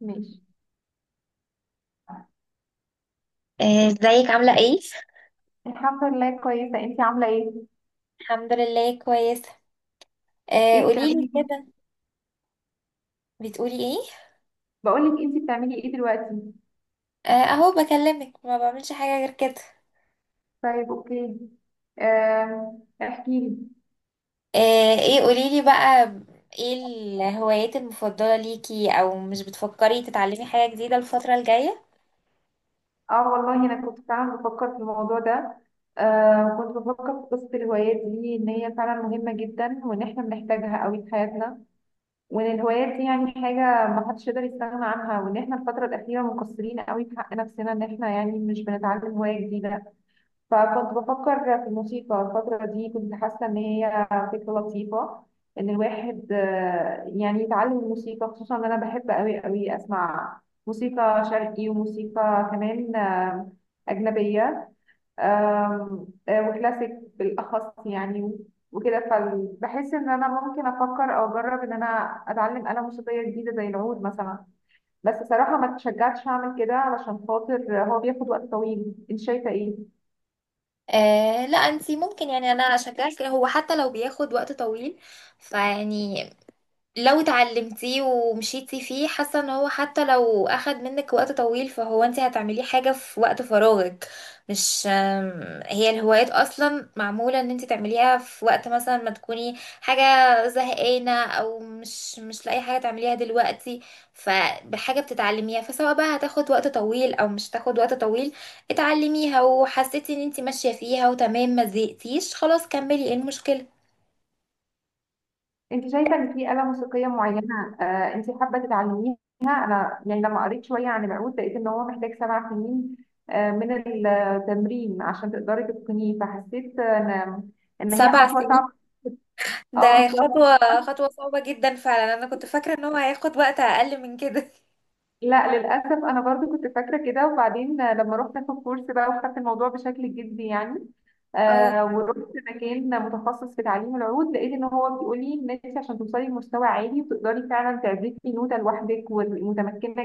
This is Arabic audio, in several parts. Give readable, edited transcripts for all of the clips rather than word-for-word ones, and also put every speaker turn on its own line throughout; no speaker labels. ماشي.
ازيك عاملة ايه؟
الحمد لله كويسة، انتي عاملة ايه؟
الحمد لله كويسة.
ايه
قوليلي
بتعملي ايه؟
كده. بتقولي ايه؟
بقولك انتي بتعملي ايه دلوقتي؟
اهو بكلمك، ما بعملش حاجة غير كده.
طيب اوكي. احكيلي.
ايه قوليلي بقى. ايه الهوايات المفضلة ليكي، او مش بتفكري تتعلمي حاجة جديدة الفترة الجاية؟
اه والله انا كنت فعلا بفكر في الموضوع ده. كنت بفكر في قصة الهوايات دي، ان هي فعلا مهمة جدا وان احنا بنحتاجها قوي في حياتنا، وان الهوايات دي يعني حاجة ما حدش يقدر يستغنى عنها، وان احنا الفترة الأخيرة مقصرين قوي في حق نفسنا ان احنا يعني مش بنتعلم هواية جديدة. فكنت بفكر في الموسيقى الفترة دي، كنت حاسة إن هي فكرة لطيفة، إن الواحد يعني يتعلم الموسيقى، خصوصا إن أنا بحب أوي أوي أسمع موسيقى شرقي وموسيقى كمان أجنبية. آم، آه، وكلاسيك بالأخص يعني، وكده. فبحس إن أنا ممكن أفكر أو أجرب إن أنا أتعلم آلة موسيقية جديدة زي العود مثلا. بس صراحة ما تشجعتش أعمل كده علشان خاطر هو بياخد وقت طويل. أنت شايفة إيه؟
لا انتي ممكن، يعني انا اشجعك هو حتى لو بياخد وقت طويل. فيعني لو اتعلمتيه ومشيتي فيه، حاسه ان هو حتى لو اخد منك وقت طويل فهو انت هتعمليه حاجه في وقت فراغك. مش أم، هي الهوايات اصلا معموله ان انت تعمليها في وقت مثلا ما تكوني حاجه زهقانه، او مش لاقي حاجه تعمليها دلوقتي. فبحاجه بتتعلميها، فسواء بقى هتاخد وقت طويل او مش هتاخد وقت طويل، اتعلميها وحسيتي ان انت ماشيه فيها وتمام، ما زهقتيش خلاص كملي ايه المشكله.
انت شايفه ان في آلة موسيقيه معينه آه انت حابه تتعلميها؟ انا يعني لما قريت شويه عن العود لقيت ان هو محتاج 7 سنين من التمرين عشان تقدري تتقنيه، فحسيت ان هي
سبع
خطوه
سنين
صعبه. اه،
ده خطوة صعبة جدا فعلا. انا كنت فاكرة ان هو هياخد وقت اقل من كده.
لا للأسف أنا برضو كنت فاكرة كده، وبعدين لما رحت أخد كورس بقى وخدت الموضوع بشكل جدي يعني،
اه،
ورحت مكان متخصص في تعليم العود، لقيت إن هو بيقول لي إن أنت عشان توصلي لمستوى عالي وتقدري فعلا تعزفي نوتة لوحدك ومتمكنة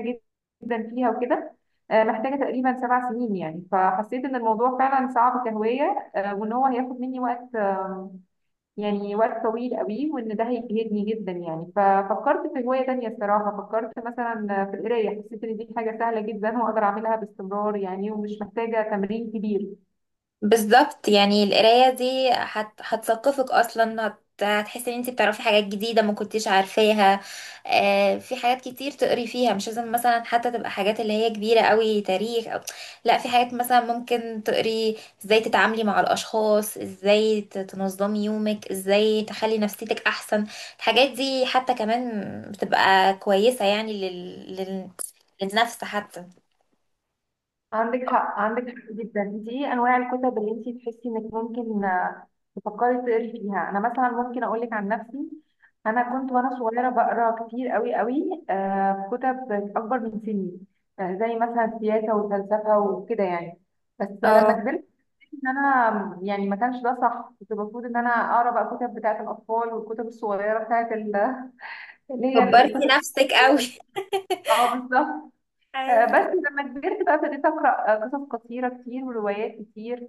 جدا فيها وكده، محتاجة تقريبا 7 سنين يعني. فحسيت إن الموضوع فعلا صعب كهواية، وإن هو هياخد مني وقت يعني وقت طويل قوي، وان ده هيجهدني جدا يعني. ففكرت في هواية تانية الصراحة، فكرت مثلا في القراية، حسيت ان دي حاجة سهلة جدا واقدر اعملها باستمرار يعني، ومش محتاجة تمرين كبير.
بالظبط. يعني القراية دي هتثقفك أصلا، هتحسي إن انتي بتعرفي حاجات جديدة ما كنتيش عارفاها. آه، في حاجات كتير تقري فيها، مش لازم مثلا حتى تبقى حاجات اللي هي كبيرة قوي، تاريخ أو... لا في حاجات مثلا ممكن تقري ازاي تتعاملي مع الأشخاص، ازاي تنظمي يومك، ازاي تخلي نفسيتك أحسن. الحاجات دي حتى كمان بتبقى كويسة، يعني للنفس حتى.
عندك حق، عندك حق جدا. دي ايه انواع الكتب اللي انت تحسي انك ممكن تفكري تقري فيها؟ انا مثلا ممكن اقول لك عن نفسي، انا كنت وانا صغيره بقرا كتير قوي قوي في كتب اكبر من سني، زي مثلا سياسه وفلسفه وكده يعني. بس لما
اه،
كبرت ان انا يعني ما كانش ده صح، كنت المفروض ان انا اقرا بقى الكتب بتاعه الاطفال والكتب الصغيره اللي هي
كبرتي
القصص.
نفسك قوي.
اه بالظبط.
أي.
بس لما كبرت بقى ابتديت اقرا قصص قصيره كتير وروايات كتير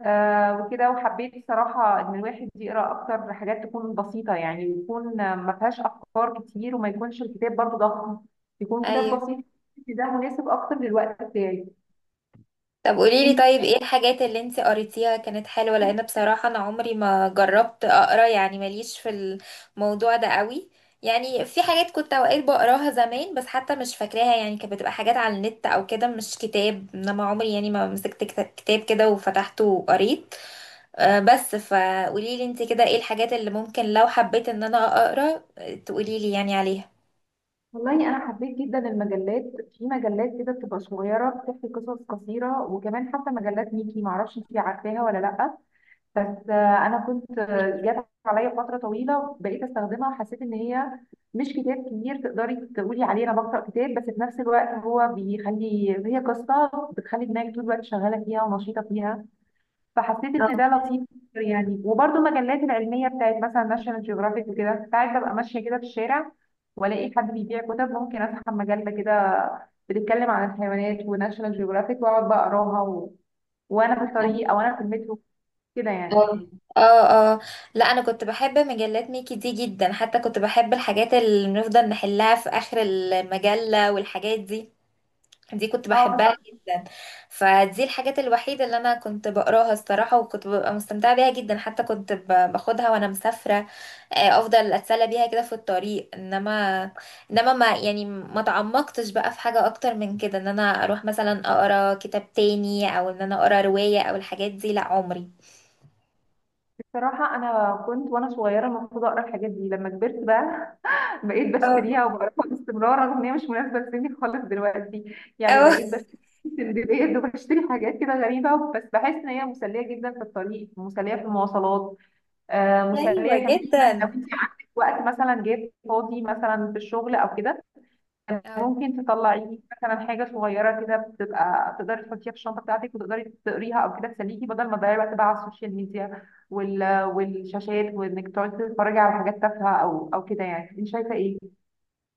وكده. وحبيت صراحه ان الواحد يقرا اكتر حاجات تكون بسيطه يعني، يكون ما فيهاش افكار كتير وما يكونش الكتاب برضه ضخم، يكون كتاب
ايوه.
بسيط. ده مناسب اكتر للوقت بتاعي.
طب قوليلي،
انت،
طيب ايه الحاجات اللي انت قريتيها كانت حلوة؟ لان بصراحة انا عمري ما جربت اقرا، يعني ماليش في الموضوع ده قوي. يعني في حاجات كنت اوقات بقراها زمان، بس حتى مش فاكراها، يعني كانت بتبقى حاجات على النت او كده، مش كتاب. انما عمري يعني ما مسكت كتاب كده وفتحته وقريت. بس فقوليلي انت كده ايه الحاجات اللي ممكن لو حبيت ان انا اقرا، تقوليلي يعني عليها.
والله انا حبيت جدا المجلات. في مجلات كده بتبقى صغيره بتحكي قصص قصيره، وكمان حتى مجلات ميكي، معرفش انتي عارفاها ولا لا، بس انا كنت جات عليا فتره طويله بقيت استخدمها. حسيت ان هي مش كتاب كبير تقدري تقولي عليه انا بقرا كتاب، بس في نفس الوقت هو بيخلي هي قصه بتخلي دماغك طول الوقت شغاله فيها ونشيطه فيها. فحسيت ان ده لطيف يعني. وبرده المجلات العلميه بتاعت مثلا ناشونال جيوغرافيك وكده، ساعات ببقى ماشيه كده في الشارع والاقي حد بيبيع كتب، ممكن اسحب مجله كده بتتكلم عن الحيوانات وناشونال جيوغرافيك واقعد بقى اقراها و... وانا في الطريق او انا في المترو، كده يعني.
اه، اه. لا انا كنت بحب مجلات ميكي دي جدا، حتى كنت بحب الحاجات اللي بنفضل نحلها في اخر المجلة والحاجات دي، دي كنت
اه
بحبها
بس
جدا. فدي الحاجات الوحيدة اللي انا كنت بقراها الصراحة، وكنت ببقى مستمتعة بيها جدا، حتى كنت باخدها وانا مسافرة. افضل اتسلى بيها كده في الطريق. انما ما يعني ما تعمقتش بقى في حاجة اكتر من كده، ان انا اروح مثلا اقرا كتاب تاني، او ان انا اقرا رواية او الحاجات دي، لا عمري.
بصراحه انا كنت وانا صغيره المفروض اقرا الحاجات دي لما كبرت بقى، بقيت باشتريها
اه،
وبعرفها باستمرار رغم ان هي مش مناسبه لسني خالص دلوقتي يعني.
اه.
بقيت بشتري سندباد وبشتري حاجات كده غريبه، بس بحس ان هي مسليه جدا في الطريق، مسليه في المواصلات،
ايوه
مسليه كمان لو
جدا.
انت عندك وقت مثلا جايب فاضي مثلا في الشغل او كده،
أو.
ممكن تطلعي مثلا حاجه صغيره كده بتبقى تقدري تحطيها في الشنطه بتاعتك وتقدري تقريها او كده، تسليكي بدل ما تضيعي وقت بقى على السوشيال ميديا والشاشات، وانك تقعدي تتفرجي على حاجات تافهه او كده يعني. انت شايفه ايه؟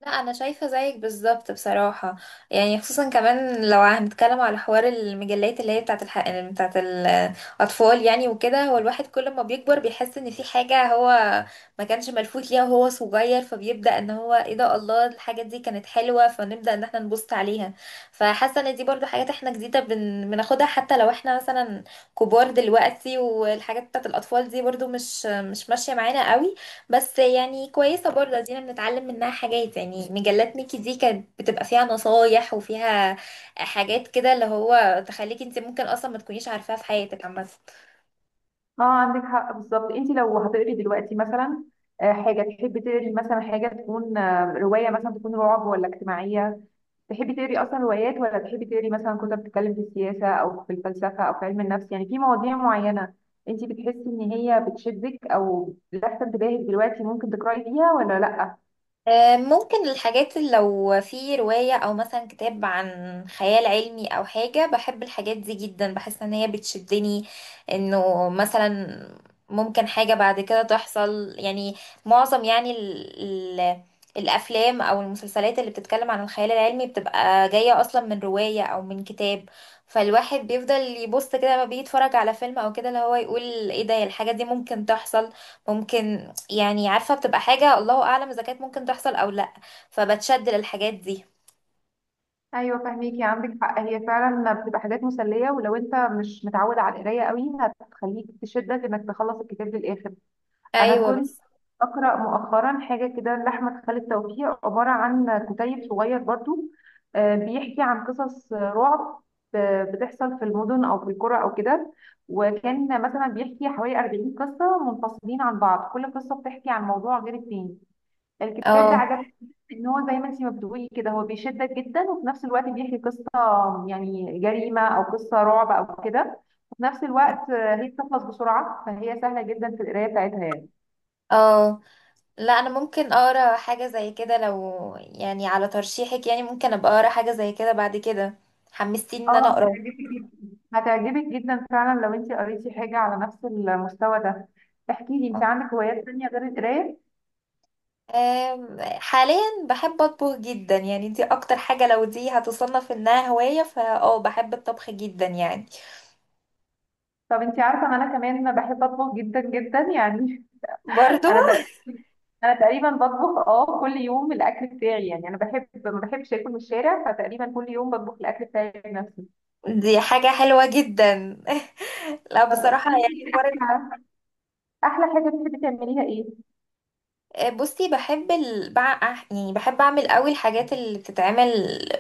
لا انا شايفه زيك بالظبط بصراحه. يعني خصوصا كمان لو هنتكلم على حوار المجلات اللي هي بتاعت بتاعت الاطفال، يعني وكده هو الواحد كل ما بيكبر بيحس ان في حاجه هو ما كانش ملفوت ليها وهو صغير، فبيبدا ان هو ايه ده، الله، الحاجه دي كانت حلوه، فنبدا ان احنا نبص عليها. فحاسه ان دي برضو حاجات احنا جديده بناخدها، حتى لو احنا مثلا كبار دلوقتي، والحاجات بتاعت الاطفال دي برضو مش ماشيه معانا قوي. بس يعني كويسة برضه، ادينا بنتعلم منها حاجات. يعني مجلات ميكي دي كانت بتبقى فيها نصايح، وفيها حاجات كده اللي هو تخليكي انت ممكن اصلا ما تكونيش عارفاها في حياتك عامة.
اه عندك حق بالظبط. انت لو هتقري دلوقتي مثلا حاجه تحبي تقري، مثلا حاجه تكون روايه، مثلا تكون رعب ولا اجتماعيه؟ تحبي تقري اصلا روايات ولا تحبي تقري مثلا كتب بتتكلم في السياسه او في الفلسفه او في علم النفس يعني في مواضيع معينه انت بتحسي ان هي بتشدك او لافته انتباهك دلوقتي ممكن تقراي فيها ولا لا؟
ممكن الحاجات اللي لو في رواية أو مثلا كتاب عن خيال علمي أو حاجة، بحب الحاجات دي جدا، بحس إن هي بتشدني. إنه مثلا ممكن حاجة بعد كده تحصل، يعني معظم يعني ال ال الأفلام أو المسلسلات اللي بتتكلم عن الخيال العلمي بتبقى جاية أصلا من رواية أو من كتاب. فالواحد بيفضل يبص كده لما بيتفرج على فيلم أو كده، اللي هو يقول إيه ده، الحاجة دي ممكن تحصل، ممكن، يعني عارفة بتبقى حاجة الله أعلم إذا كانت ممكن تحصل أو لأ. فبتشد للحاجات دي.
ايوه فاهميكي، عندك حق. هي فعلا بتبقى حاجات مسليه، ولو انت مش متعود على القرايه قوي هتخليك تشدك انك تخلص الكتاب للاخر. انا
أيوة
كنت
بس.
اقرا مؤخرا حاجه كده لاحمد خالد توفيق، عباره عن كتيب صغير برضو بيحكي عن قصص رعب بتحصل في المدن او في القرى او كده. وكان مثلا بيحكي حوالي 40 قصه منفصلين عن بعض، كل قصه بتحكي عن موضوع غير التاني. الكتاب ده
اه،
عجبني ان هو زي ما انت ما بتقولي كده، هو بيشدك جدا وفي نفس الوقت بيحكي قصه يعني جريمه او قصه رعب او كده، وفي نفس الوقت هي بتخلص بسرعه، فهي سهله جدا في القرايه بتاعتها يعني.
اه. لا أنا ممكن أقرأ حاجة زي كده لو، يعني على ترشيحك، يعني ممكن أبقى أقرأ حاجة زي كده بعد كده. حمستيني إن أنا
اه
أقرأ.
هتعجبك جدا، هتعجبك جدا فعلا لو انت قريتي حاجة على نفس المستوى ده. احكي لي، انت
آه.
عندك هوايات تانية غير القراية؟
حاليا بحب أطبخ جدا. يعني دي أكتر حاجة، لو دي هتصنف إنها هواية فا بحب الطبخ جدا يعني.
طب انت عارفة ان انا كمان بحب اطبخ جدا جدا يعني.
برضو.
انا تقريبا، انا تقريبا بطبخ اه كل يوم الاكل بتاعي يعني. انا بحب، ما بحبش اكل من الشارع، فتقريبا كل يوم بطبخ الاكل بتاعي بنفسي.
دي حاجة حلوة جدا. لا
طب
بصراحة
احكي
يعني
لي،
حوار.
احلى احلى حاجة بتحبي تعمليها ايه؟
بصي بحب يعني بحب اعمل قوي الحاجات اللي بتتعمل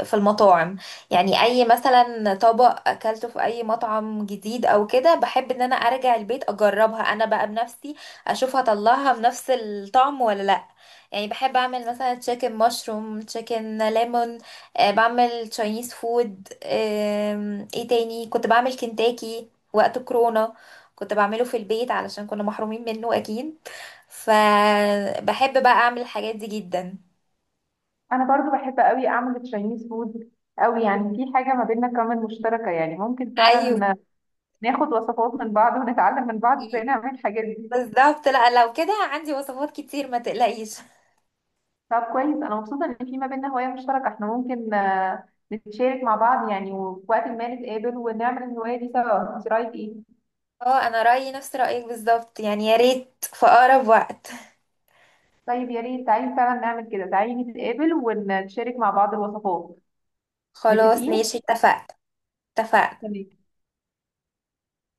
في المطاعم. يعني اي مثلا طبق اكلته في اي مطعم جديد او كده، بحب ان انا ارجع البيت اجربها انا بقى بنفسي، اشوف هطلعها بنفس الطعم ولا لا. يعني بحب اعمل مثلا تشيكن مشروم، تشيكن ليمون. بعمل تشاينيز فود. ايه تاني، كنت بعمل كنتاكي وقت كورونا، كنت بعمله في البيت علشان كنا محرومين منه اكيد. فبحب بقى اعمل الحاجات دي جدا.
انا برضو بحب قوي اعمل تشاينيز فود قوي يعني. في حاجة ما بيننا كمان مشتركة يعني، ممكن
ايوه
فعلا ناخد وصفات من بعض ونتعلم من بعض ازاي نعمل الحاجات دي.
بالظبط. لا لو كده عندي وصفات كتير ما تقلقيش.
طب كويس، انا مبسوطه ان في ما بيننا هوايه مشتركه، احنا ممكن نتشارك مع بعض يعني، وفي وقت ما نتقابل ونعمل الهوايه دي سوا. انت رايك ايه؟
اه، انا رأيي نفس رأيك بالظبط، يعني يا ريت في اقرب وقت.
طيب يا ريت، تعالي فعلا نعمل كده، تعالي نتقابل ونتشارك مع بعض الوصفات.
خلاص
متفقين.
ماشي، اتفقت. اتفقت.
تمام.